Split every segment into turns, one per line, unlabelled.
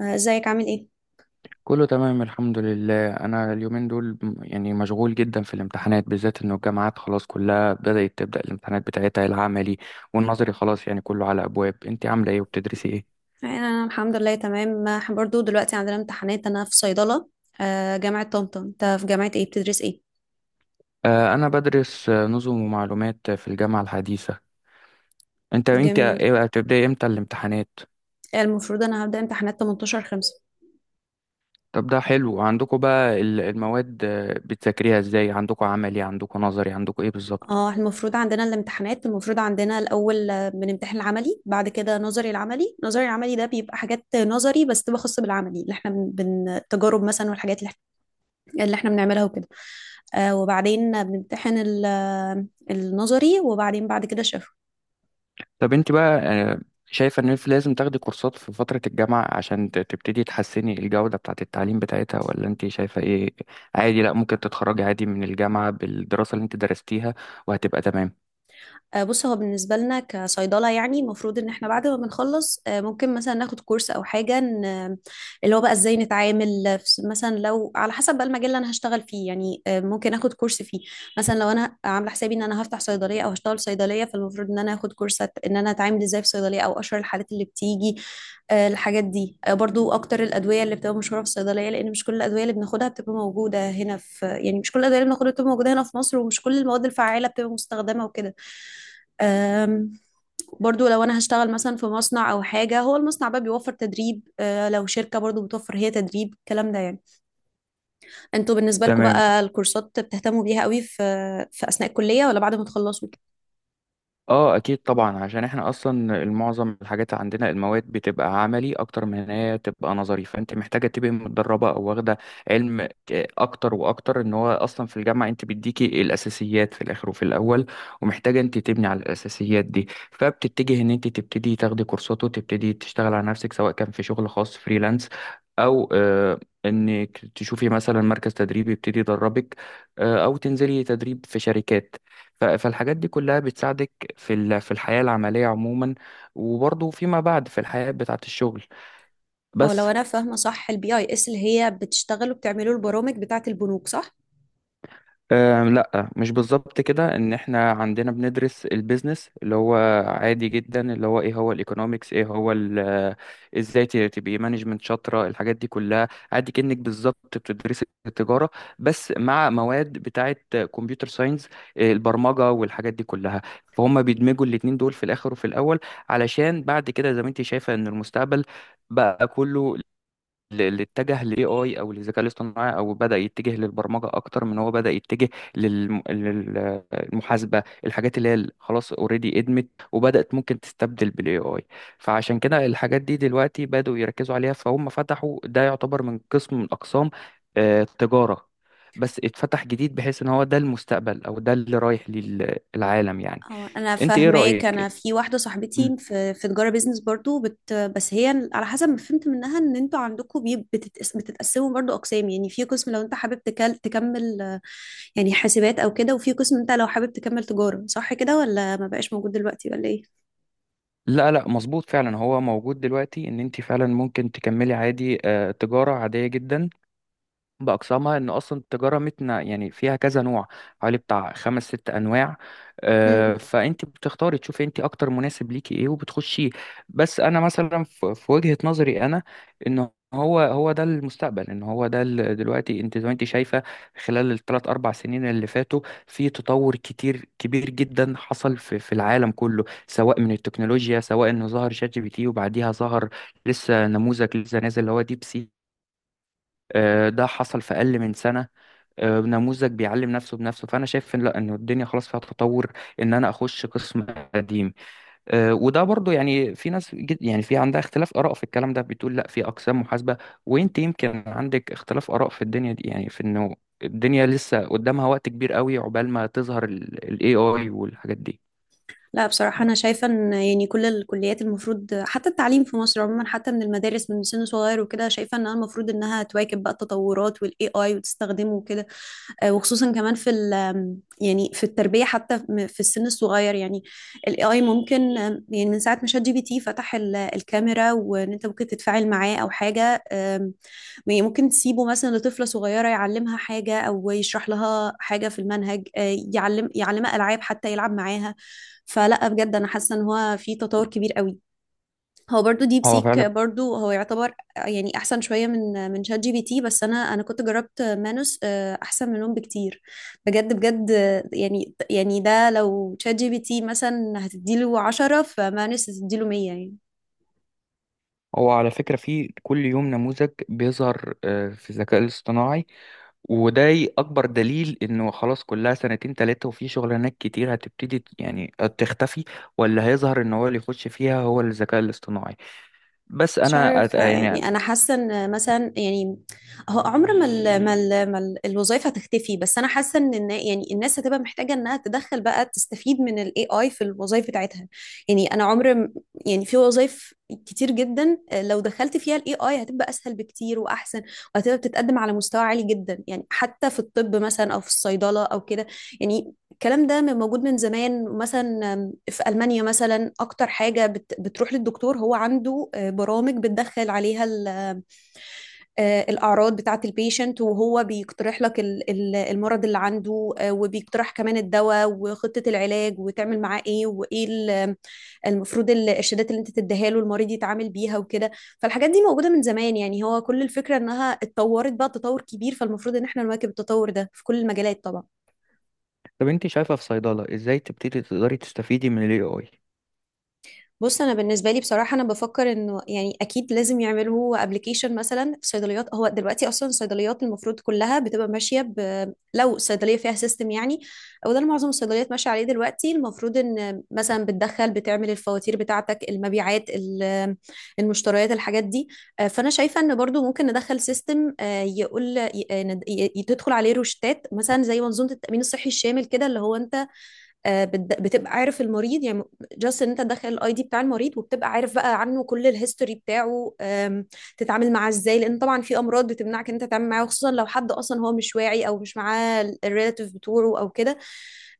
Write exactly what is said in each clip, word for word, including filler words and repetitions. آه، ازيك عامل ايه؟
كله تمام الحمد لله. انا اليومين دول م- يعني مشغول جدا في الامتحانات، بالذات انه الجامعات خلاص كلها بدأت تبدأ الامتحانات بتاعتها، العملي والنظري خلاص، يعني كله على ابواب. انت عامله ايه وبتدرسي ايه؟
انا الحمد لله تمام، آه، برضو دلوقتي عندنا امتحانات، انا في صيدلة، آه، جامعة طنطا. انت في جامعة ايه بتدرس ايه؟
آه انا بدرس آه، نظم ومعلومات في الجامعة الحديثة. انت انت
جميل.
إيه، هتبدأي امتى الامتحانات؟
المفروض انا هبدأ امتحانات تمنتاشر خمسة.
طب ده حلو. عندكم بقى ال- المواد آه، بتذاكريها ازاي؟ عندكم عملي، عندكم نظري، عندكم ايه بالظبط؟
اه، المفروض عندنا الامتحانات، المفروض عندنا الاول آه، بنمتحن العملي، بعد كده نظري. العملي نظري، العملي ده بيبقى حاجات نظري بس تبقى خاصة بالعملي اللي احنا بن بن- التجارب مثلا، والحاجات اللي احنا اللي احنا بنعملها وكده. آه، وبعدين بنمتحن ال- آه، النظري، وبعدين بعد كده.
طب انت بقى، آه، شايفة ان انت لازم تاخدي كورسات في فترة الجامعة عشان ت- تبتدي تحسني الجودة بتاعة التعليم بتاعتها، ولا انت شايفة ايه؟ عادي؟ لا ممكن تتخرجي عادي من الجامعة بالدراسة اللي انت درستيها وهتبقى تمام.
آه، بص، هو بالنسبة لنا كصيدلة، يعني المفروض ان احنا بعد ما بنخلص آه، ممكن مثلا ناخد كورس او حاجة ن- اللي هو بقى ازاي نتعامل في- مثلا لو على حسب بقى المجال اللي انا هشتغل فيه، يعني آه، ممكن اخد كورس فيه. مثلا لو انا عاملة حسابي ان انا هفتح صيدلية او هشتغل في صيدلية، فالمفروض ان انا اخد كورس أت- ان انا اتعامل ازاي في صيدلية، او اشهر الحالات اللي بتيجي، آه، الحاجات دي. آه، برضو اكتر الادوية اللي بتبقى مشهورة في الصيدلية، لان مش كل الادوية اللي بناخدها بتبقى موجودة هنا، في يعني مش كل الادوية اللي بناخدها بتبقى موجودة هنا في مصر، ومش كل المواد الفعالة بتبقى مستخدمة وكده. أم، برضو لو انا هشتغل مثلا في مصنع او حاجه، هو المصنع بقى بيوفر تدريب، أه، لو شركه برضو بتوفر هي تدريب، الكلام ده يعني. انتوا بالنسبه لكم
تمام.
بقى الكورسات بتهتموا بيها قوي في في اثناء الكليه، ولا بعد ما تخلصوا؟
اه اكيد طبعا، عشان احنا اصلا معظم الحاجات عندنا، المواد بتبقى عملي اكتر من ان هي تبقى نظري، فانت محتاجه تبقى متدربه او واخده علم ك- اكتر واكتر. ان هو اصلا في الجامعه انت بيديكي الاساسيات في الاخر وفي الاول، ومحتاجه انت تبني على الاساسيات دي، فبتتجه ان انت تبتدي تاخدي كورسات وتبتدي تشتغل على نفسك، سواء كان في شغل خاص فريلانس او آه، انك تشوفي مثلا مركز تدريب يبتدي يدربك، آه، او تنزلي تدريب في شركات. ف- فالحاجات دي كلها بتساعدك في ال- في الحياة العملية عموما، وبرضه فيما بعد في الحياة بتاعة الشغل.
او
بس
لو انا فاهمه صح، البي اي اس اللي هي بتشتغل وبتعملوا البرامج بتاعه البنوك، صح؟
آه لا، مش بالظبط كده. ان احنا عندنا بندرس البيزنس، اللي هو عادي جدا، اللي هو ايه هو الايكونومكس، ايه هو ال- آه، ازاي ت- تبقي مانجمنت شاطره، الحاجات دي كلها، عادي كأنك بالظبط بتدرسي التجاره، بس مع مواد بتاعه كمبيوتر ساينس، البرمجه والحاجات دي كلها. فهم بيدمجوا الاتنين دول في الاخر وفي الاول، علشان بعد كده زي ما انت شايفه ان المستقبل بقى كله اللي اتجه للاي اي او للذكاء الاصطناعي، او بدا يتجه للبرمجه اكتر من هو بدا يتجه للم- للمحاسبه، الحاجات اللي هي ال- خلاص اوريدي ادمت وبدات ممكن تستبدل بالاي اي. فعشان كده الحاجات دي دلوقتي بداوا يركزوا عليها، فهم فتحوا ده، يعتبر من قسم من اقسام آه، التجاره، بس اتفتح جديد، بحيث ان هو ده المستقبل، او ده اللي رايح للعالم يعني.
اه انا
انت ايه
فاهماك.
رايك؟
انا في واحده صاحبتي في في تجاره بيزنس برضو، بت بس هي على حسب ما فهمت منها ان انتوا عندكم بي- بتتقس- بتتقسموا برضو اقسام، يعني في قسم لو انت حابب تكل تكمل آه، يعني حاسبات او كده، وفي قسم انت لو حابب تكمل تجاره، صح كده، ولا ما بقاش موجود دلوقتي، ولا ايه؟
لا لا، مظبوط فعلا. هو موجود دلوقتي ان انت فعلا ممكن تكملي عادي، آه، تجارة عادية جدا بأقسامها. إن أصلا التجارة متنا يعني فيها كذا نوع، حوالي بتاع خمس ست أنواع، آه،
مم.
فأنت بتختاري تشوفي أنت أكتر مناسب ليكي إيه وبتخشيه. بس أنا مثلا، في في وجهة نظري أنا، إن هو هو ده المستقبل، إن هو ده ال- دلوقتي أنت زي ما أنت شايفة، خلال الثلاث أربع سنين اللي فاتوا في تطور كتير كبير جدا حصل في في العالم كله، سواء من التكنولوجيا، سواء إنه ظهر شات جي بي تي، وبعديها ظهر لسه نموذج لسه نازل اللي هو ديب سي. آه، ده حصل في أقل من سنة. آه، نموذج بيعلم نفسه بنفسه. فانا شايف ان لا، ان الدنيا خلاص فيها تطور، ان انا اخش قسم قديم. آه، وده برضو، يعني في ناس جد- يعني في عندها اختلاف اراء في الكلام ده، بتقول لا في اقسام محاسبه، وانت يمكن عندك اختلاف اراء في الدنيا دي، يعني في انه الدنيا لسه قدامها وقت كبير قوي عقبال ما تظهر الاي اي والحاجات دي.
لا بصراحه، انا شايفه ان يعني كل الكليات المفروض، حتى التعليم في مصر عموما حتى من المدارس من سن صغير وكده، شايفه انها المفروض انها تواكب بقى التطورات والاي اي وتستخدمه وكده. آه، وخصوصا كمان في ال آم، يعني في التربية، حتى م- في السن الصغير، يعني الاي اي ممكن، آم، يعني من ساعة ما شات جي بي تي فتح ال- الكاميرا، وان انت ممكن تتفاعل معاه او حاجة. آم، يعني ممكن تسيبه مثلا لطفلة صغيرة يعلمها حاجة، او يشرح لها حاجة في المنهج، آه، يعلم يعلمها العاب، حتى يلعب معاها. فلا، بجد انا حاسة ان هو في تطور كبير قوي. هو برضو ديب
هو
سيك
فعلا،
برضو هو يعتبر يعني احسن شويه من من شات جي بي تي، بس انا انا كنت جربت مانوس، آه، احسن منهم بكتير. بجد بجد، آه، يعني يعني ده لو شات جي بي تي مثلا هتديله عشرة، فمانوس هتديله مية يعني.
هو على فكرة في كل يوم نموذج بيظهر آه، في الذكاء الاصطناعي. وده اكبر دليل انه خلاص، كلها سنتين تلاتة وفي شغلانات كتير هتبتدي ت- يعني تختفي، ولا هيظهر ان هو اللي يخش فيها هو الذكاء الاصطناعي. بس
مش
انا أت-
عارفة
يعني،
يعني، أنا حاسة إن مثلا يعني هو عمر ما ال ما ال ما ال الوظائف هتختفي، بس أنا حاسة إن النا- يعني الناس هتبقى محتاجة إنها تدخل بقى، تستفيد من ال A I في الوظائف بتاعتها. يعني أنا عمر م- يعني في وظائف كتير جدا، آه، لو دخلت فيها ال إيه آي هتبقى أسهل بكتير وأحسن، وهتبقى بتتقدم على مستوى عالي جدا، يعني حتى في الطب مثلا، أو في الصيدلة أو كده. يعني الكلام ده م- موجود من زمان، مثلا آم، في ألمانيا مثلا، أكتر حاجة بت- بتروح للدكتور هو عنده آه، برامج بتدخل عليها ال- آه، الأعراض بتاعة البيشنت، وهو بيقترح لك ال- ال- المرض اللي عنده، آه، وبيقترح كمان الدواء وخطة العلاج، وتعمل معاه إيه، وإيه ال- المفروض ال- الشدات اللي أنت تديها له، المريض يتعامل بيها وكده. فالحاجات دي موجودة من زمان، يعني هو كل الفكرة إنها اتطورت بقى تطور كبير، فالمفروض إن إحنا نواكب التطور ده في كل المجالات طبعا.
طب انت شايفة في صيدلة ازاي تبتدي تقدري تستفيدي من الاي اي؟
بص، انا بالنسبه لي بصراحه انا بفكر انه يعني اكيد لازم يعملوا ابلكيشن مثلا في صيدليات. هو دلوقتي اصلا الصيدليات المفروض كلها بتبقى ماشيه، ب... لو صيدليه فيها سيستم يعني، او ده اللي معظم الصيدليات ماشيه عليه دلوقتي، المفروض ان مثلا بتدخل بتعمل الفواتير بتاعتك، المبيعات ال- المشتريات، الحاجات دي. آه، فانا شايفه ان برضو ممكن ندخل سيستم يقول ي- ي- تدخل عليه روشتات، مثلا زي منظومه التامين الصحي الشامل كده، اللي هو انت آه، بت- بتبقى عارف المريض يعني. جاست ان انت تدخل الاي دي بتاع المريض، وبتبقى عارف بقى عنه كل الهيستوري بتاعه. آم، تتعامل معاه ازاي، لان طبعا في امراض بتمنعك ان انت تتعامل معاه، خصوصا لو حد اصلا هو مش واعي، او مش معاه الريلاتيف بتوعه او كده.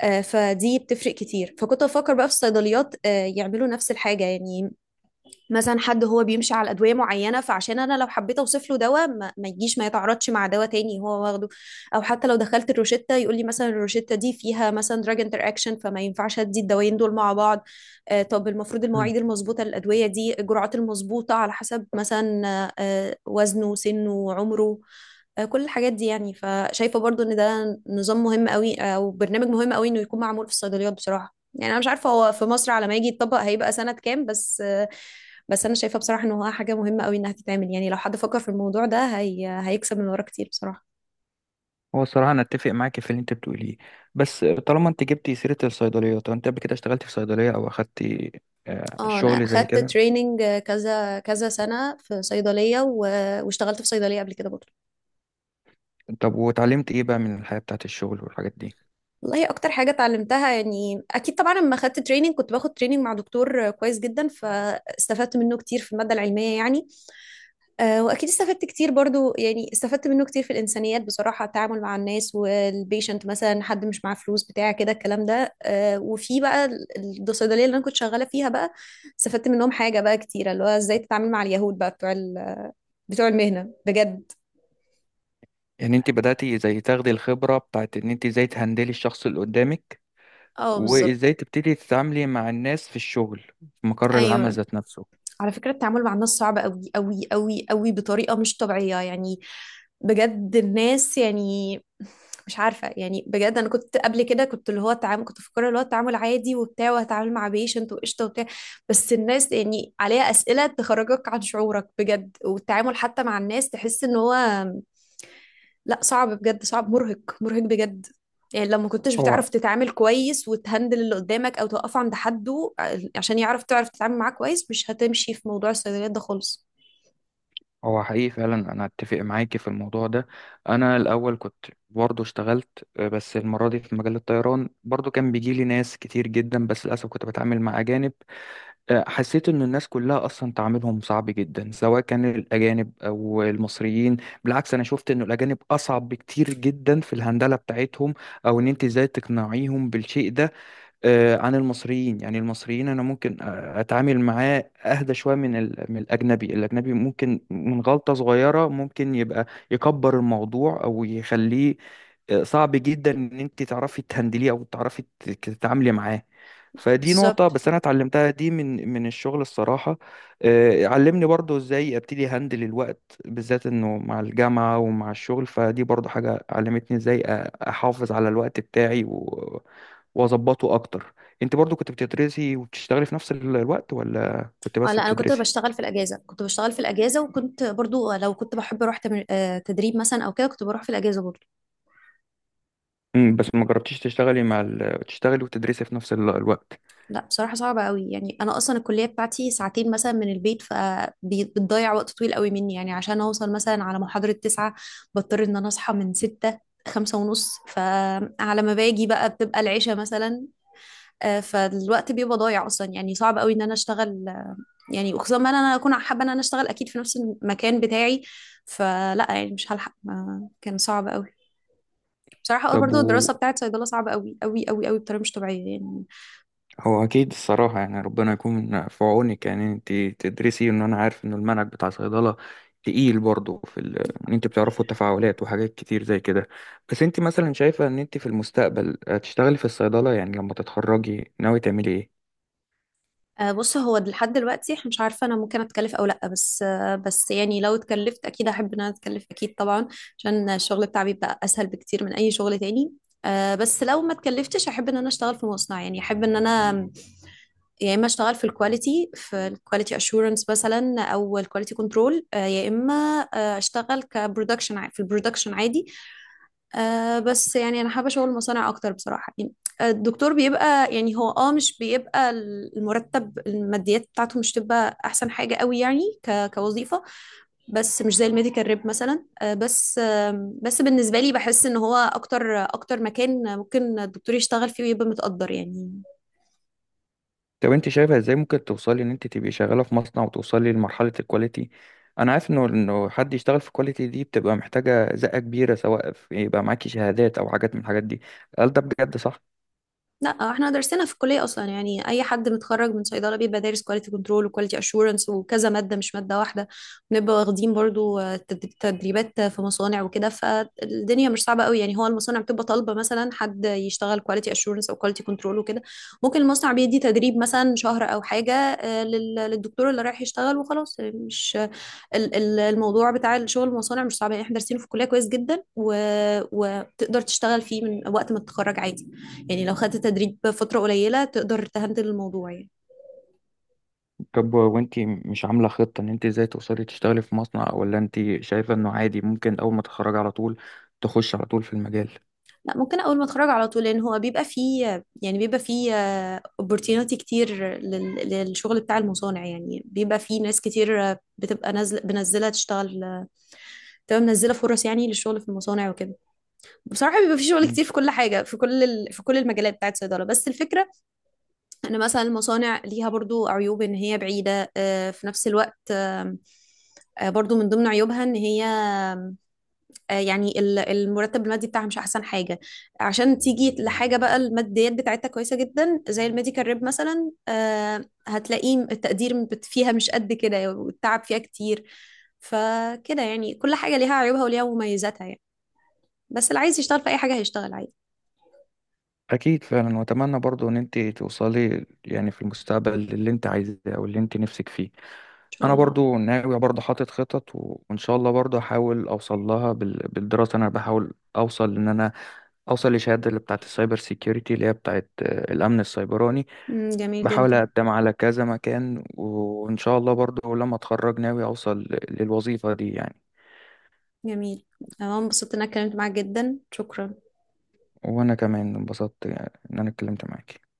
آه، فدي بتفرق كتير. فكنت بفكر بقى في الصيدليات آه، يعملوا نفس الحاجة يعني. مثلا حد هو بيمشي على ادويه معينه، فعشان انا لو حبيت اوصف له دواء ما, ما يجيش، ما يتعارضش مع دواء تاني هو واخده، او حتى لو دخلت الروشته يقول لي مثلا الروشته دي فيها مثلا دراج انتر اكشن، فما ينفعش ادي الدوايين دول مع بعض. آه طب المفروض
مم.
المواعيد المظبوطه للادويه دي، الجرعات المظبوطه على حسب مثلا آه آه، وزنه، سنه، عمره. آه كل الحاجات دي يعني. فشايفه برضو ان ده نظام مهم قوي، او برنامج مهم قوي انه يكون معمول في الصيدليات بصراحه. يعني انا مش عارفه هو في مصر على ما يجي يتطبق هيبقى سنه كام، بس بس انا شايفه بصراحه ان هو حاجه مهمه قوي انها تتعمل. يعني لو حد فكر في الموضوع ده، هي... هيكسب من ورا كتير بصراحه.
هو الصراحة أنا أتفق معاكي في اللي أنت بتقوليه، بس طالما أنت جبتي سيرة الصيدلية، طب أنت قبل كده اشتغلتي في صيدلية أو أخدتي آه،
اه انا
شغل زي
اخدت
كده؟
تريننج كذا كذا سنه في صيدليه، و... واشتغلت في صيدليه قبل كده برضه.
طب واتعلمت إيه بقى من الحياة بتاعت الشغل والحاجات دي؟
والله اكتر حاجه اتعلمتها، يعني اكيد طبعا لما خدت تريننج كنت باخد تريننج مع دكتور كويس جدا، فاستفدت منه كتير في الماده العلميه يعني. آه، واكيد استفدت كتير برضو. يعني استفدت منه كتير في الانسانيات بصراحه، التعامل مع الناس والبيشنت، مثلا حد مش معاه فلوس بتاع كده الكلام ده. آه، وفي بقى ال- الصيدليه اللي انا كنت شغاله فيها بقى، استفدت منهم حاجه بقى كتيره، اللي هو ازاي تتعامل مع اليهود بقى بتوع ال- بتوع المهنه بجد.
يعني انت بدأتي زي تاخدي الخبرة بتاعت ان انت ازاي تهندلي الشخص اللي قدامك،
اه بالظبط.
وازاي تبتدي تتعاملي مع الناس في الشغل، في مقر العمل
ايوه،
ذات نفسه.
على فكرة التعامل مع الناس صعب قوي قوي قوي قوي بطريقة مش طبيعية يعني. بجد الناس يعني مش عارفة يعني. بجد أنا كنت قبل كده كنت اللي هو التعامل، كنت فاكرة اللي هو التعامل عادي وبتاع، وهتعامل مع بيشنت وقشطة وبتاع، بس الناس يعني عليها أسئلة تخرجك عن شعورك بجد، والتعامل حتى مع الناس تحس إن هو لا، صعب بجد، صعب مرهق مرهق بجد. يعني لو ما كنتش
هو
بتعرف تتعامل كويس وتهندل اللي قدامك او توقفه عند حده، ع- عشان يعرف تعرف تتعامل معاه كويس، مش هتمشي في موضوع الصيدليات ده خالص.
هو حقيقي فعلا، انا اتفق معاكي في الموضوع ده. انا الاول كنت برضه اشتغلت، آه، بس المرة دي في مجال الطيران، برضه كان بيجي لي ناس كتير جدا، بس للاسف كنت بتعامل مع اجانب. آه، حسيت ان الناس كلها اصلا تعاملهم صعب جدا، سواء كان الاجانب او المصريين. بالعكس انا شفت ان الاجانب اصعب بكتير جدا في الهندلة بتاعتهم، او ان انت ازاي تقنعيهم بالشيء ده، آه، عن المصريين. يعني المصريين انا ممكن آه، اتعامل معاه اهدى شويه من ال- من الاجنبي. الاجنبي ممكن من غلطه صغيره ممكن يبقى يكبر الموضوع، او يخليه آه، صعب جدا ان انت تعرفي تهندليه او تعرفي ت- تتعاملي معاه. فدي نقطة
بالظبط.
بس أنا اتعلمتها دي من من الشغل الصراحة. آه، علمني برضو إزاي أبتدي هندل الوقت، بالذات إنه مع الجامعة ومع الشغل، فدي برضو حاجة علمتني إزاي أ- أحافظ على الوقت بتاعي واظبطه اكتر. انت برضو كنت بتدرسي وبتشتغلي في نفس ال- الوقت، ولا كنت
اه
بس
لا، انا كنت
بتدرسي؟
بشتغل في الاجازه كنت بشتغل في الاجازه، وكنت برضو لو كنت بحب اروح تمر... آه، تدريب مثلا او كده كنت بروح في الاجازه برضو.
امم، بس ما جربتيش تشتغلي مع ال... تشتغلي وتدرسي في نفس ال- الوقت.
لا بصراحة صعبة قوي، يعني أنا أصلا الكلية بتاعتي ساعتين مثلا من البيت، فبتضيع وقت طويل قوي مني، يعني عشان أوصل مثلا على محاضرة تسعة، بضطر إن أنا أصحى من ستة، خمسة ونص، فعلى ما باجي بقى بتبقى العشاء مثلا. آه، فالوقت بيبقى ضايع أصلا، يعني صعب قوي إن أنا أشتغل، آه، يعني وخصوصا ما أنا أكون حابة إن أنا أشتغل أكيد في نفس المكان بتاعي. فلا يعني مش هلحق، ما- كان صعب قوي. بصراحة
طب
برضو
و...
الدراسة بتاعت صيدلة صعبة قوي قوي قوي قوي بطريقة مش طبيعية يعني.
هو اكيد الصراحه، يعني ربنا يكون في عونك، يعني انت تدرسي. ان انا عارف ان المنهج بتاع صيدله تقيل برضه في ال... ان انت بتعرفوا التفاعلات وحاجات كتير زي كده. بس انت مثلا شايفه ان انت في المستقبل هتشتغلي في الصيدله؟ يعني لما تتخرجي ناوي تعملي ايه؟
آه، بص، هو لحد دلوقتي احنا مش عارفه انا ممكن اتكلف او لا، بس آه، بس يعني لو اتكلفت اكيد احب ان انا اتكلف، اكيد طبعا، عشان الشغل بتاعي بيبقى اسهل بكتير من اي شغل تاني. آه، بس لو ما اتكلفتش احب ان انا اشتغل في مصنع، يعني احب ان انا يا اما اشتغل في الكواليتي، في الكواليتي اشورنس مثلا، او الكواليتي كنترول، يا اما آه، اشتغل كبرودكشن، ع- في البرودكشن عادي. آه بس يعني انا حابه شغل المصانع اكتر بصراحه يعني. آه، الدكتور بيبقى يعني هو اه مش بيبقى، المرتب الماديات بتاعته مش تبقى احسن حاجه قوي يعني ك كوظيفه، بس مش زي الميديكال ريب مثلا. آه بس آه بس بالنسبه لي بحس ان هو اكتر اكتر مكان ممكن الدكتور يشتغل فيه ويبقى متقدر يعني.
طب انت شايفه ازاي ممكن توصلي ان انت تبقي شغاله في مصنع وتوصلي لمرحله الكواليتي؟ انا عارف انه، انه حد يشتغل في الكواليتي دي بتبقى محتاجه زقه كبيره، سواء في يبقى معاكي شهادات او حاجات من الحاجات دي. هل ده بجد صح؟
لا احنا درسنا في الكليه اصلا، يعني اي حد متخرج من صيدله بيبقى دارس كواليتي كنترول وكواليتي اشورنس وكذا ماده، مش ماده واحده. بنبقى واخدين برضو آه، تد- تدريبات في مصانع وكده. فالدنيا مش صعبه قوي، يعني هو المصانع بتبقى طالبه مثلا حد يشتغل كواليتي اشورنس او كواليتي كنترول وكده. ممكن المصنع بيدي تدريب مثلا شهر او حاجه آه، لل- للدكتور اللي رايح يشتغل وخلاص. مش ال- ال- الموضوع بتاع الشغل المصانع مش صعب يعني، احنا دارسينه في الكليه كويس جدا، و... وتقدر تشتغل فيه من وقت ما تتخرج عادي، يعني لو خدت تدريب فتره قليله تقدر تهندل الموضوع يعني.
طب وانت مش عامله خطه ان انت ازاي توصلي تشتغلي في مصنع، ولا انت شايفه انه عادي ممكن اول ما تتخرجي على طول تخش على طول في المجال؟
لا ممكن اول ما اتخرج على طول، لان هو بيبقى فيه، يعني بيبقى فيه opportunity كتير لل... للشغل بتاع المصانع، يعني بيبقى فيه ناس كتير بتبقى نازله بنزله تشتغل، بتبقى منزله فرص يعني للشغل في المصانع وكده. بصراحه بيبقى فيه شغل
مم.
كتير في كل حاجه، في كل ال... في كل المجالات بتاعت الصيدله، بس الفكره ان مثلا المصانع ليها برضو عيوب، ان هي بعيدة آه، في نفس الوقت. آم، آه، برضو من ضمن عيوبها ان هي آه، يعني ال- المرتب المادي بتاعها مش احسن حاجة، عشان تيجي لحاجة بقى الماديات بتاعتها كويسة جدا زي الميديكال ريب مثلا. آه، هتلاقيه التقدير بت- فيها مش قد كده، والتعب فيها كتير. فكده يعني كل حاجة ليها عيوبها وليها مميزاتها يعني، بس اللي عايز يشتغل في اي حاجة هيشتغل عادي.
اكيد فعلا، واتمنى برضو ان انت توصلي يعني في المستقبل اللي انت عايزاه او اللي انت نفسك فيه.
ان شاء
انا
الله.
برضو ناوي، برضو حاطط خطط و... وان شاء الله برضو احاول اوصل لها بال... بالدراسه. انا بحاول اوصل ان انا اوصل لشهاده اللي بتاعت السايبر سيكيورتي، اللي هي بتاعت آه، الامن السيبراني.
مم، جميل
بحاول
جدا.
اقدم على كذا مكان، وان شاء الله برضو لما اتخرج ناوي اوصل للوظيفه دي يعني.
جميل، انا انبسطت ان انا اتكلمت معاك جدا، شكرا.
وانا كمان انبسطت ان انا اتكلمت معاك.